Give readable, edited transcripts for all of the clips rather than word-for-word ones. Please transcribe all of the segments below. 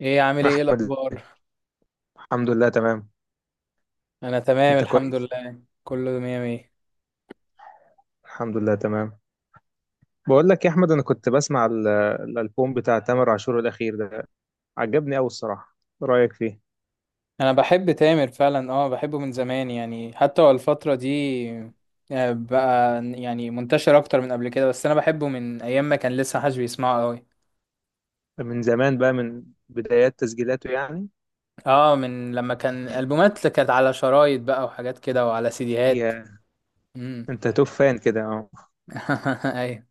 عامل ايه؟ إيه احمد، الاخبار؟ الحمد لله تمام. انا تمام، انت الحمد كويس؟ لله، كله مية مية. الحمد لله تمام. بقول لك يا احمد، انا كنت بسمع الالبوم بتاع تامر عاشور الاخير ده. عجبني قوي الصراحه. إيه رايك فيه؟ انا بحب تامر فعلا، بحبه من زمان، يعني حتى هو الفترة دي بقى يعني منتشر اكتر من قبل كده، بس انا بحبه من ايام ما كان لسه محدش بيسمعه قوي. من زمان بقى، من بدايات تسجيلاته يعني. اه، من لما كان البومات كانت على شرايط بقى وحاجات كده وعلى سيديهات. يا امم. انت توب فان كده اه؟ ايوه.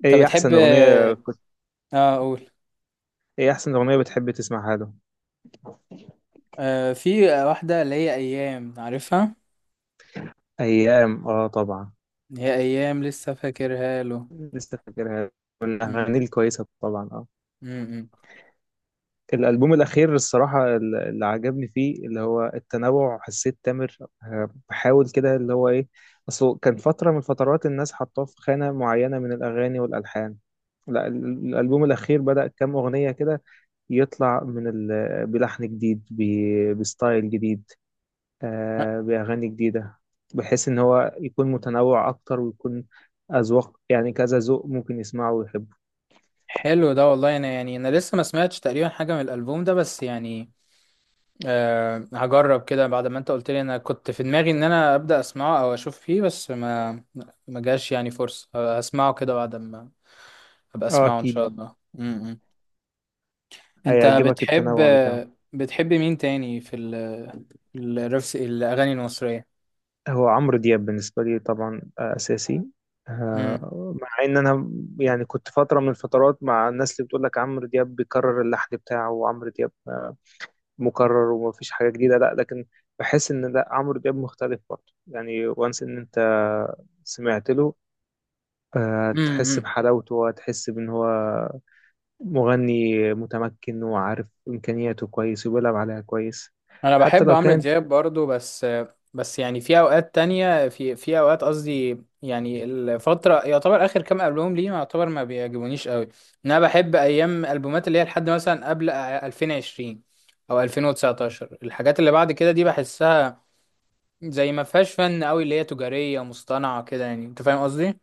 انت ايه بتحب؟ احسن اغنيه؟ اه اقول. ايه احسن اغنيه بتحب تسمعها له؟ في واحدة، اللي هي ايام، عارفها؟ ايام اه طبعا. هي ايام، لسه فاكرها له. لسه فاكرها، أمم. والاغاني الكويسه طبعا اه. أمم. الألبوم الأخير الصراحة اللي عجبني فيه اللي هو التنوع. حسيت تامر بحاول كده اللي هو إيه. أصله كان فترة من الفترات الناس حطاه في خانة معينة من الأغاني والألحان. لا، الألبوم الأخير بدأ كام أغنية كده يطلع من بلحن جديد، بستايل جديد، آه، بأغاني جديدة، بحيث إن هو يكون متنوع أكتر، ويكون أذواق يعني كذا ذوق ممكن يسمعه ويحبه. حلو ده والله، انا يعني لسه ما سمعتش تقريبا حاجه من الالبوم ده، بس يعني، هجرب كده بعد ما انت قلت لي، انا كنت في دماغي ان انا ابدا اسمعه او اشوف فيه، بس ما ما جاش يعني فرصه. هسمعه كده بعد ما ابقى آه اسمعه ان شاء أكيد، الله. امم. انت هيعجبك بتحب التنوع بتاعه. بتحب مين تاني في الرفس الاغاني المصريه؟ هو عمرو دياب بالنسبة لي طبعا آه، أساسي. آه، مع إن أنا يعني كنت فترة من الفترات مع الناس اللي بتقول لك عمرو دياب بيكرر اللحن بتاعه، وعمرو دياب مكرر ومفيش حاجة جديدة. لا، لكن بحس إن لا، عمرو دياب مختلف برضه يعني، وانس إن أنت سمعت له، آه، تحس امم. بحلاوته وتحس بإن هو مغني متمكن وعارف إمكانياته كويس، وبيلعب عليها كويس انا حتى بحب لو عمرو كانت. دياب برضو، بس بس يعني في اوقات تانية، في اوقات قصدي، يعني الفترة، يعتبر اخر كام البوم ليه يعتبر ما بيعجبونيش قوي. إن انا بحب ايام البومات اللي هي لحد مثلا قبل 2020 او 2019. الحاجات اللي بعد كده دي بحسها زي ما فيهاش فن قوي، اللي هي تجارية مصطنعة كده، يعني انت فاهم قصدي؟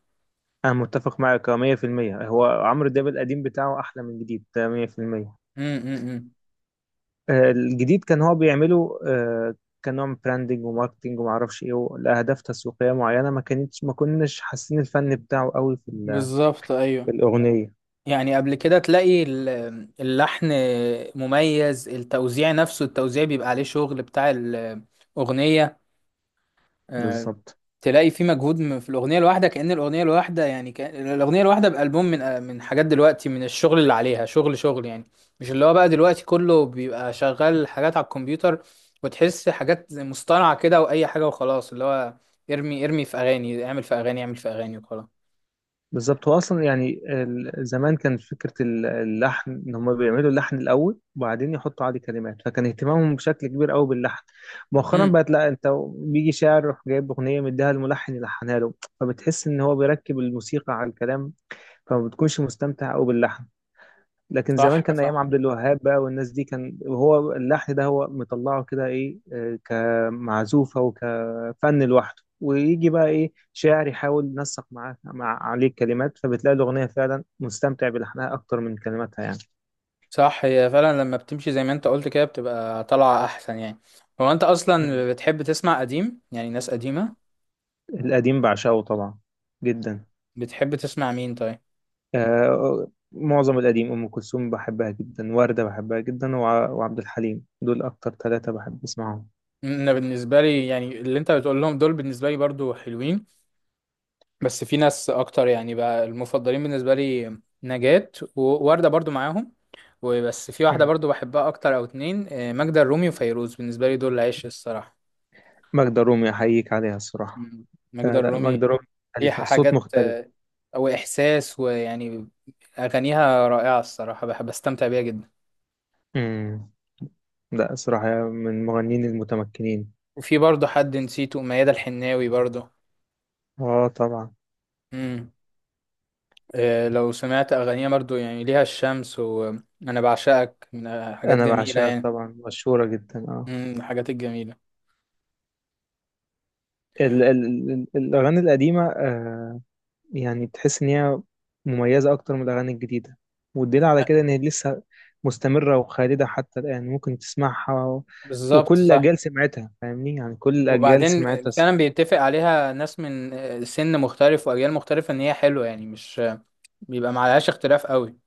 أنا متفق معاك 100%. هو عمرو دياب القديم بتاعه أحلى من الجديد ده 100%. امم، آه، الجديد كان هو بيعمله آه، كنوع من براندنج وماركتنج ومعرفش إيه، لأهداف تسويقية معينة. ما كانتش، ما كناش حاسين الفن بتاعه قوي بالظبط، في ايوه. الأغنية. يعني قبل كده تلاقي اللحن مميز، التوزيع نفسه التوزيع بيبقى عليه شغل بتاع الأغنية. آه، بالظبط. تلاقي في مجهود في الأغنية الواحدة، كأن الأغنية الواحدة بألبوم، من حاجات دلوقتي، من الشغل اللي عليها شغل شغل، يعني مش اللي هو بقى دلوقتي كله بيبقى شغال حاجات على الكمبيوتر، وتحس حاجات زي مصطنعة كده وأي حاجة وخلاص، اللي هو ارمي في أغاني، اعمل في أغاني، اعمل في أغاني، وخلاص. بالظبط، هو اصلا يعني زمان كان فكره اللحن ان هم بيعملوا اللحن الاول وبعدين يحطوا عليه كلمات، فكان اهتمامهم بشكل كبير قوي باللحن. مؤخرا امم. بقت لا، انت بيجي شاعر يروح جايب اغنيه مديها الملحن يلحنها له، فبتحس ان هو بيركب الموسيقى على الكلام، فما بتكونش مستمتع قوي باللحن. لكن زمان صح، كان ايام صح. عبد الوهاب بقى والناس دي، كان هو اللحن ده هو مطلعه كده ايه آه، كمعزوفه وكفن لوحده، ويجي بقى ايه شاعر يحاول ينسق معاه، مع عليه الكلمات، فبتلاقي الاغنيه فعلا مستمتع بلحنها اكتر من كلماتها يعني. صح، هي فعلا لما بتمشي زي ما انت قلت كده بتبقى طالعة احسن، يعني. هو انت مم. اصلا بتحب تسمع قديم؟ يعني ناس قديمة؟ القديم بعشقه طبعا جدا. بتحب تسمع مين طيب؟ آه معظم القديم، ام كلثوم بحبها جدا، ورده بحبها جدا، وعبد الحليم، دول اكتر ثلاثه بحب اسمعهم. انا بالنسبة لي يعني اللي انت بتقول لهم دول، بالنسبة لي برضو حلوين، بس في ناس اكتر يعني بقى المفضلين بالنسبة لي. نجاة ووردة برضو معاهم. وبس في واحدة مم. برضو بحبها اكتر او اتنين، ماجدة الرومي وفيروز، بالنسبة لي دول العيش الصراحة. ماجدة رومي احييك عليها الصراحه. مم. ماجدة آه لا، الرومي، ماجدة رومي ليها مختلفة، صوت حاجات، مختلف. او احساس، ويعني اغانيها رائعه الصراحه، بحب استمتع بيها جدا. امم. لا صراحة من المغنيين المتمكنين. وفي برضه حد نسيته، ميادة الحناوي برضه. اه طبعا. امم. لو سمعت اغانيها برضه يعني ليها الشمس وانا بعشقك، من حاجات انا جميله بعشقك يعني. طبعا مشهورة جدا اه. امم، الحاجات الجميله. ال ال ال الاغاني القديمة آه، يعني تحس ان هي مميزة اكتر من الاغاني الجديدة، والدليل على آه، كده ان هي لسه مستمرة وخالدة حتى الان، ممكن تسمعها بالظبط وكل صح. الاجيال سمعتها، فاهمني يعني كل الاجيال وبعدين سمعتها. فعلا بيتفق عليها ناس من سن مختلف واجيال مختلفه ان هي حلوه، يعني مش بيبقى معلهاش اختلاف قوي.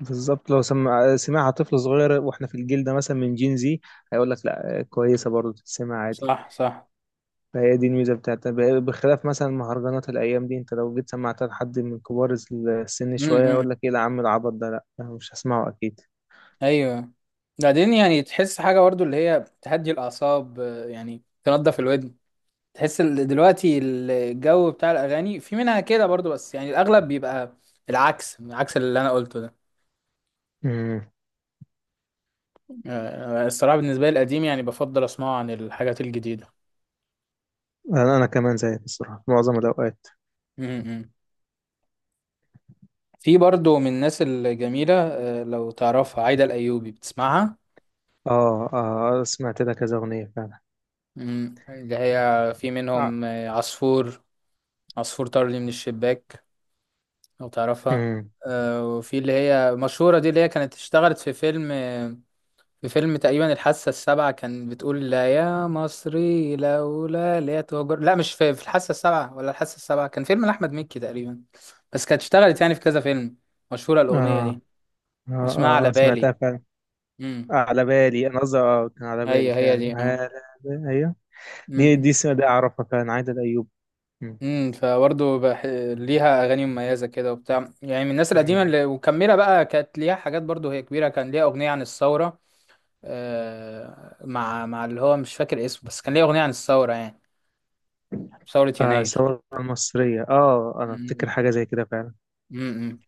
بالظبط، لو سمعها طفل صغير واحنا في الجيل ده مثلا من جين زي، هيقول لك لا كويسه برضه تتسمع عادي. صح، صح. فهي دي الميزه بتاعتها، بخلاف مثلا مهرجانات الايام دي، انت لو جيت سمعتها لحد من كبار السن شويه امم. هيقول لك ايه ده يا عم، العبط ده لا أنا مش هسمعه اكيد. ايوه. بعدين يعني تحس حاجه برضو اللي هي تهدي الاعصاب، يعني تنضف الودن. تحس دلوقتي الجو بتاع الاغاني في منها كده برضو، بس يعني الاغلب بيبقى العكس، عكس اللي انا قلته ده. امم. الصراحه بالنسبه لي القديم يعني بفضل اسمعه عن الحاجات الجديده. انا أنا كمان زيك الصراحه معظم الاوقات. م-م. في برضو من الناس الجميله، لو تعرفها عايده الايوبي، بتسمعها؟ اه اه سمعت لها كذا اغنيه فعلا. اللي هي في اه. منهم عصفور، عصفور طار لي من الشباك. لو تعرفها؟ امم. وفي اللي هي مشهورة دي، اللي هي كانت اشتغلت في فيلم. في فيلم تقريبا الحاسة السابعة، كان بتقول لا يا مصري لولا اللي هي تهجر. لا، مش في الحاسة السابعة، ولا الحاسة السابعة كان فيلم لأحمد مكي تقريبا. بس كانت اشتغلت يعني في كذا فيلم. مشهورة الأغنية اه دي. اسمها اه. على اه بالي. سمعتها فعلا. امم. على بالي، انا قصدي اه كان على بالي هي هي فعلا، دي، اه. على بالي ايوه. دي امم. دي السنة دي أعرفها فعلا، عايدة الأيوب. مم. امم. ليها أغاني مميزة كده وبتاع، يعني من الناس القديمة مم. اللي ومكملة بقى، كانت ليها حاجات برضه هي كبيرة، كان ليها أغنية عن الثورة. مع اللي هو مش فاكر اسمه، بس كان ليه أغنية عن الثورة يعني، ثورة آه يناير. ثورة المصرية اه، أنا أفتكر امم. حاجة زي كده فعلا. امم.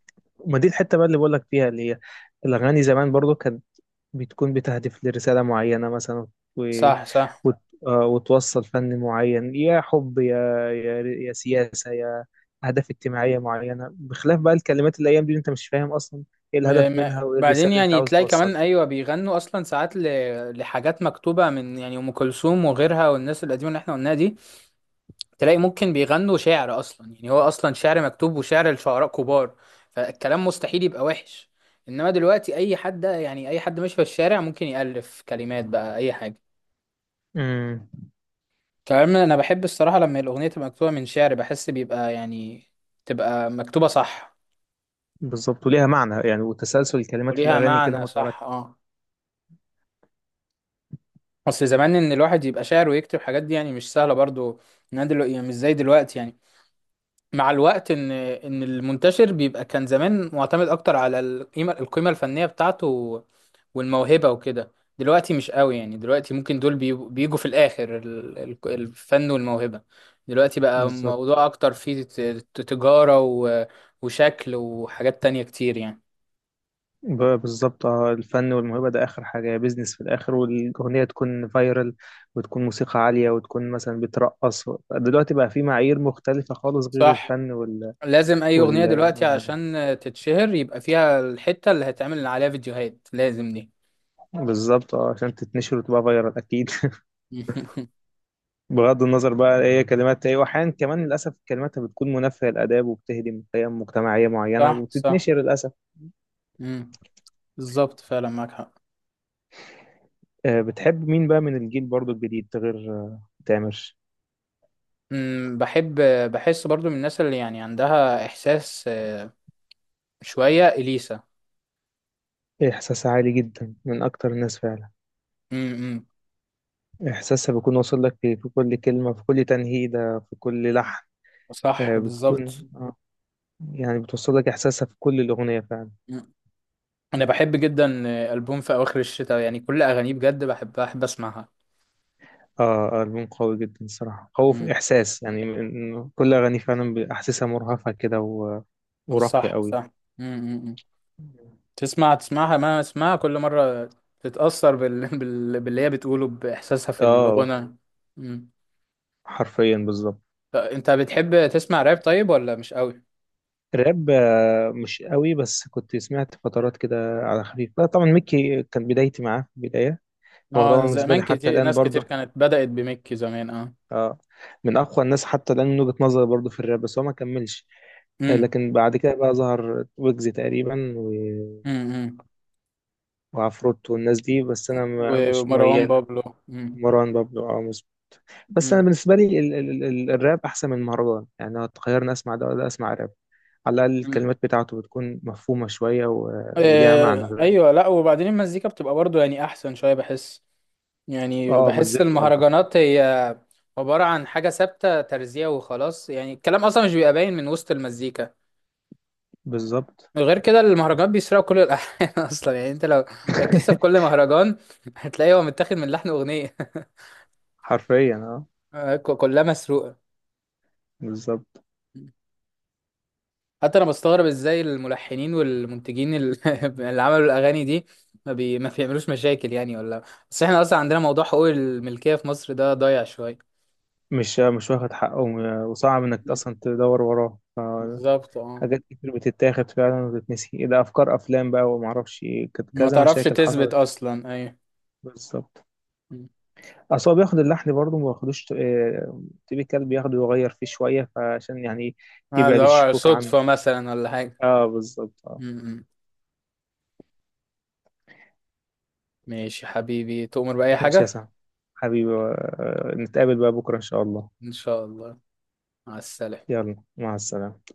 ما دي الحتة بقى اللي بقول لك فيها اللي هي الأغاني زمان برضو كانت بتكون بتهدف لرسالة معينة مثلا و... صح، صح. وت... آه، وتوصل فن معين، يا حب، يا يا سياسة، يا أهداف اجتماعية معينة، بخلاف بقى الكلمات الأيام دي أنت مش فاهم أصلا إيه الهدف منها وإيه بعدين الرسالة اللي أنت يعني عاوز تلاقي توصلها. كمان، أيوة بيغنوا أصلا ساعات لحاجات مكتوبة من، يعني، أم كلثوم وغيرها والناس القديمة اللي احنا قلناها دي. تلاقي ممكن بيغنوا شعر أصلا، يعني هو أصلا شعر مكتوب وشعر لشعراء كبار. فالكلام مستحيل يبقى وحش. إنما دلوقتي أي حد، يعني أي حد ماشي في الشارع، ممكن يألف كلمات بقى أي حاجة. مم. كمان انا بحب الصراحه لما الاغنيه تبقى مكتوبه من شعر، بحس بيبقى يعني تبقى مكتوبه صح، بالظبط، وليها معنى يعني، وتسلسل الكلمات في وليها الأغاني كده معنى، مترتب. صح، اه. اصل زمان، ان الواحد يبقى شاعر ويكتب حاجات دي يعني مش سهله برضو. يعني مش زي دلوقتي يعني. مع الوقت ان المنتشر بيبقى، كان زمان معتمد اكتر على القيمه الفنيه بتاعته والموهبه وكده. دلوقتي مش قوي، يعني دلوقتي ممكن دول بيجوا في الاخر الفن والموهبه. دلوقتي بقى بالظبط. موضوع اكتر فيه تجاره وشكل وحاجات تانية كتير يعني. بالظبط اه، الفن والموهبة ده آخر حاجة، بيزنس في الآخر، والأغنية تكون فايرال، وتكون موسيقى عالية، وتكون مثلا بترقص. دلوقتي بقى في معايير مختلفة خالص غير صح. الفن لازم اي اغنيه دلوقتي والهدف. عشان تتشهر يبقى فيها الحته اللي هتعمل عليها فيديوهات لازم دي. بالظبط اه، عشان تتنشر وتبقى فايرال أكيد بغض النظر بقى ايه كلمات ايه، وأحيانا كمان للأسف كلماتها بتكون منافية للآداب، وبتهدم قيم مجتمعية معينة صح، صح. وبتتنشر للأسف. مم. بالظبط فعلا معاك حق. آه، بتحب مين بقى من الجيل برضو الجديد غير آه، تامر؟ أمم، بحب. بحس برضو من الناس اللي يعني عندها إحساس، شوية، إليسا. إحساس عالي جدا، من أكتر الناس فعلا. أمم. إحساسها بيكون واصل لك في في كل كلمة، في كل تنهيدة، في كل لحن. صح، آه، بالظبط. بتكون آه، يعني بتوصل لك إحساسها في كل الأغنية فعلا. أمم. أنا بحب جدا ألبوم في أواخر الشتاء، يعني كل أغانيه بجد بحبها بحب أسمعها. آه. آه، ألبوم قوي جدا الصراحة، قوي في أمم. إحساس يعني، كل أغاني فعلا بأحساسها مرهفة كده و، وراقية صح، قوي. صح. أمم. أمم. تسمعها ما اسمعها كل مرة. تتأثر باللي هي بتقوله بإحساسها في آه الغنى. أمم. حرفيا بالظبط. طب أنت بتحب تسمع راب طيب، ولا مش قوي؟ راب آه، مش قوي، بس كنت سمعت فترات كده على خفيف. لا طبعا، ميكي كان بدايتي معاه في البداية، وهو طبعا اه، بالنسبة زمان لي حتى كتير، الآن ناس كتير برضه كانت بدأت بميكي زمان، اه. اه من اقوى الناس حتى الان من وجهة نظري برضه في الراب، بس هو ما كملش. آه، أمم. لكن بعد كده بقى ظهر ويجز تقريبا أمم. وعفروت والناس دي، بس انا مش ومروان ميال. بابلو. مم. مروان بابلو او بس انا مم. بالنسبه لي ال ال ال الراب احسن من المهرجان يعني، لو تخيرني اسمع ده ولا اسمع راب، على الاقل مم. الكلمات بتاعته بتكون مفهومه شويه وليها معنى. ايوه، لا وبعدين المزيكا بتبقى برضو يعني احسن شويه، بحس يعني اه بحس مزجته الطف. المهرجانات هي عباره عن حاجه ثابته ترزيع وخلاص، يعني الكلام اصلا مش بيبقى باين من وسط المزيكا. بالظبط. غير كده المهرجانات بيسرقوا كل الالحان. اصلا يعني انت لو ركزت في كل مهرجان، هتلاقيه هو متاخد من لحن اغنيه. حرفيا اه. كلها مسروقه. بالظبط. حتى انا بستغرب ازاي الملحنين والمنتجين اللي عملوا الاغاني دي ما بيعملوش مشاكل يعني، ولا؟ بس احنا اصلا عندنا موضوع حقوق الملكية في مصر ده ضايع شوية. مش واخد حقه وصعب انك مم. اصلا تدور وراه. بالظبط، اه. حاجات كتير بتتاخد فعلا وتتنسي، إيه ده افكار افلام بقى وما اعرفش إيه، كانت ما كذا تعرفش مشاكل تثبت حصلت. اصلا، ايوه. بالظبط. مم. اصل هو بياخد اللحن برضه ما بياخدوش آه، تيبيكال بياخده يغير فيه شويه فعشان يعني اللي يبعد هو الشكوك عنه. صدفة مثلا ولا حاجة. اه بالظبط اه. مم. ماشي حبيبي، تؤمر بأي ماشي يا حاجة. سعد حبيبي، آه، نتقابل بقى بكره ان شاء الله. ان شاء الله. مع السلامة. يلا مع السلامه.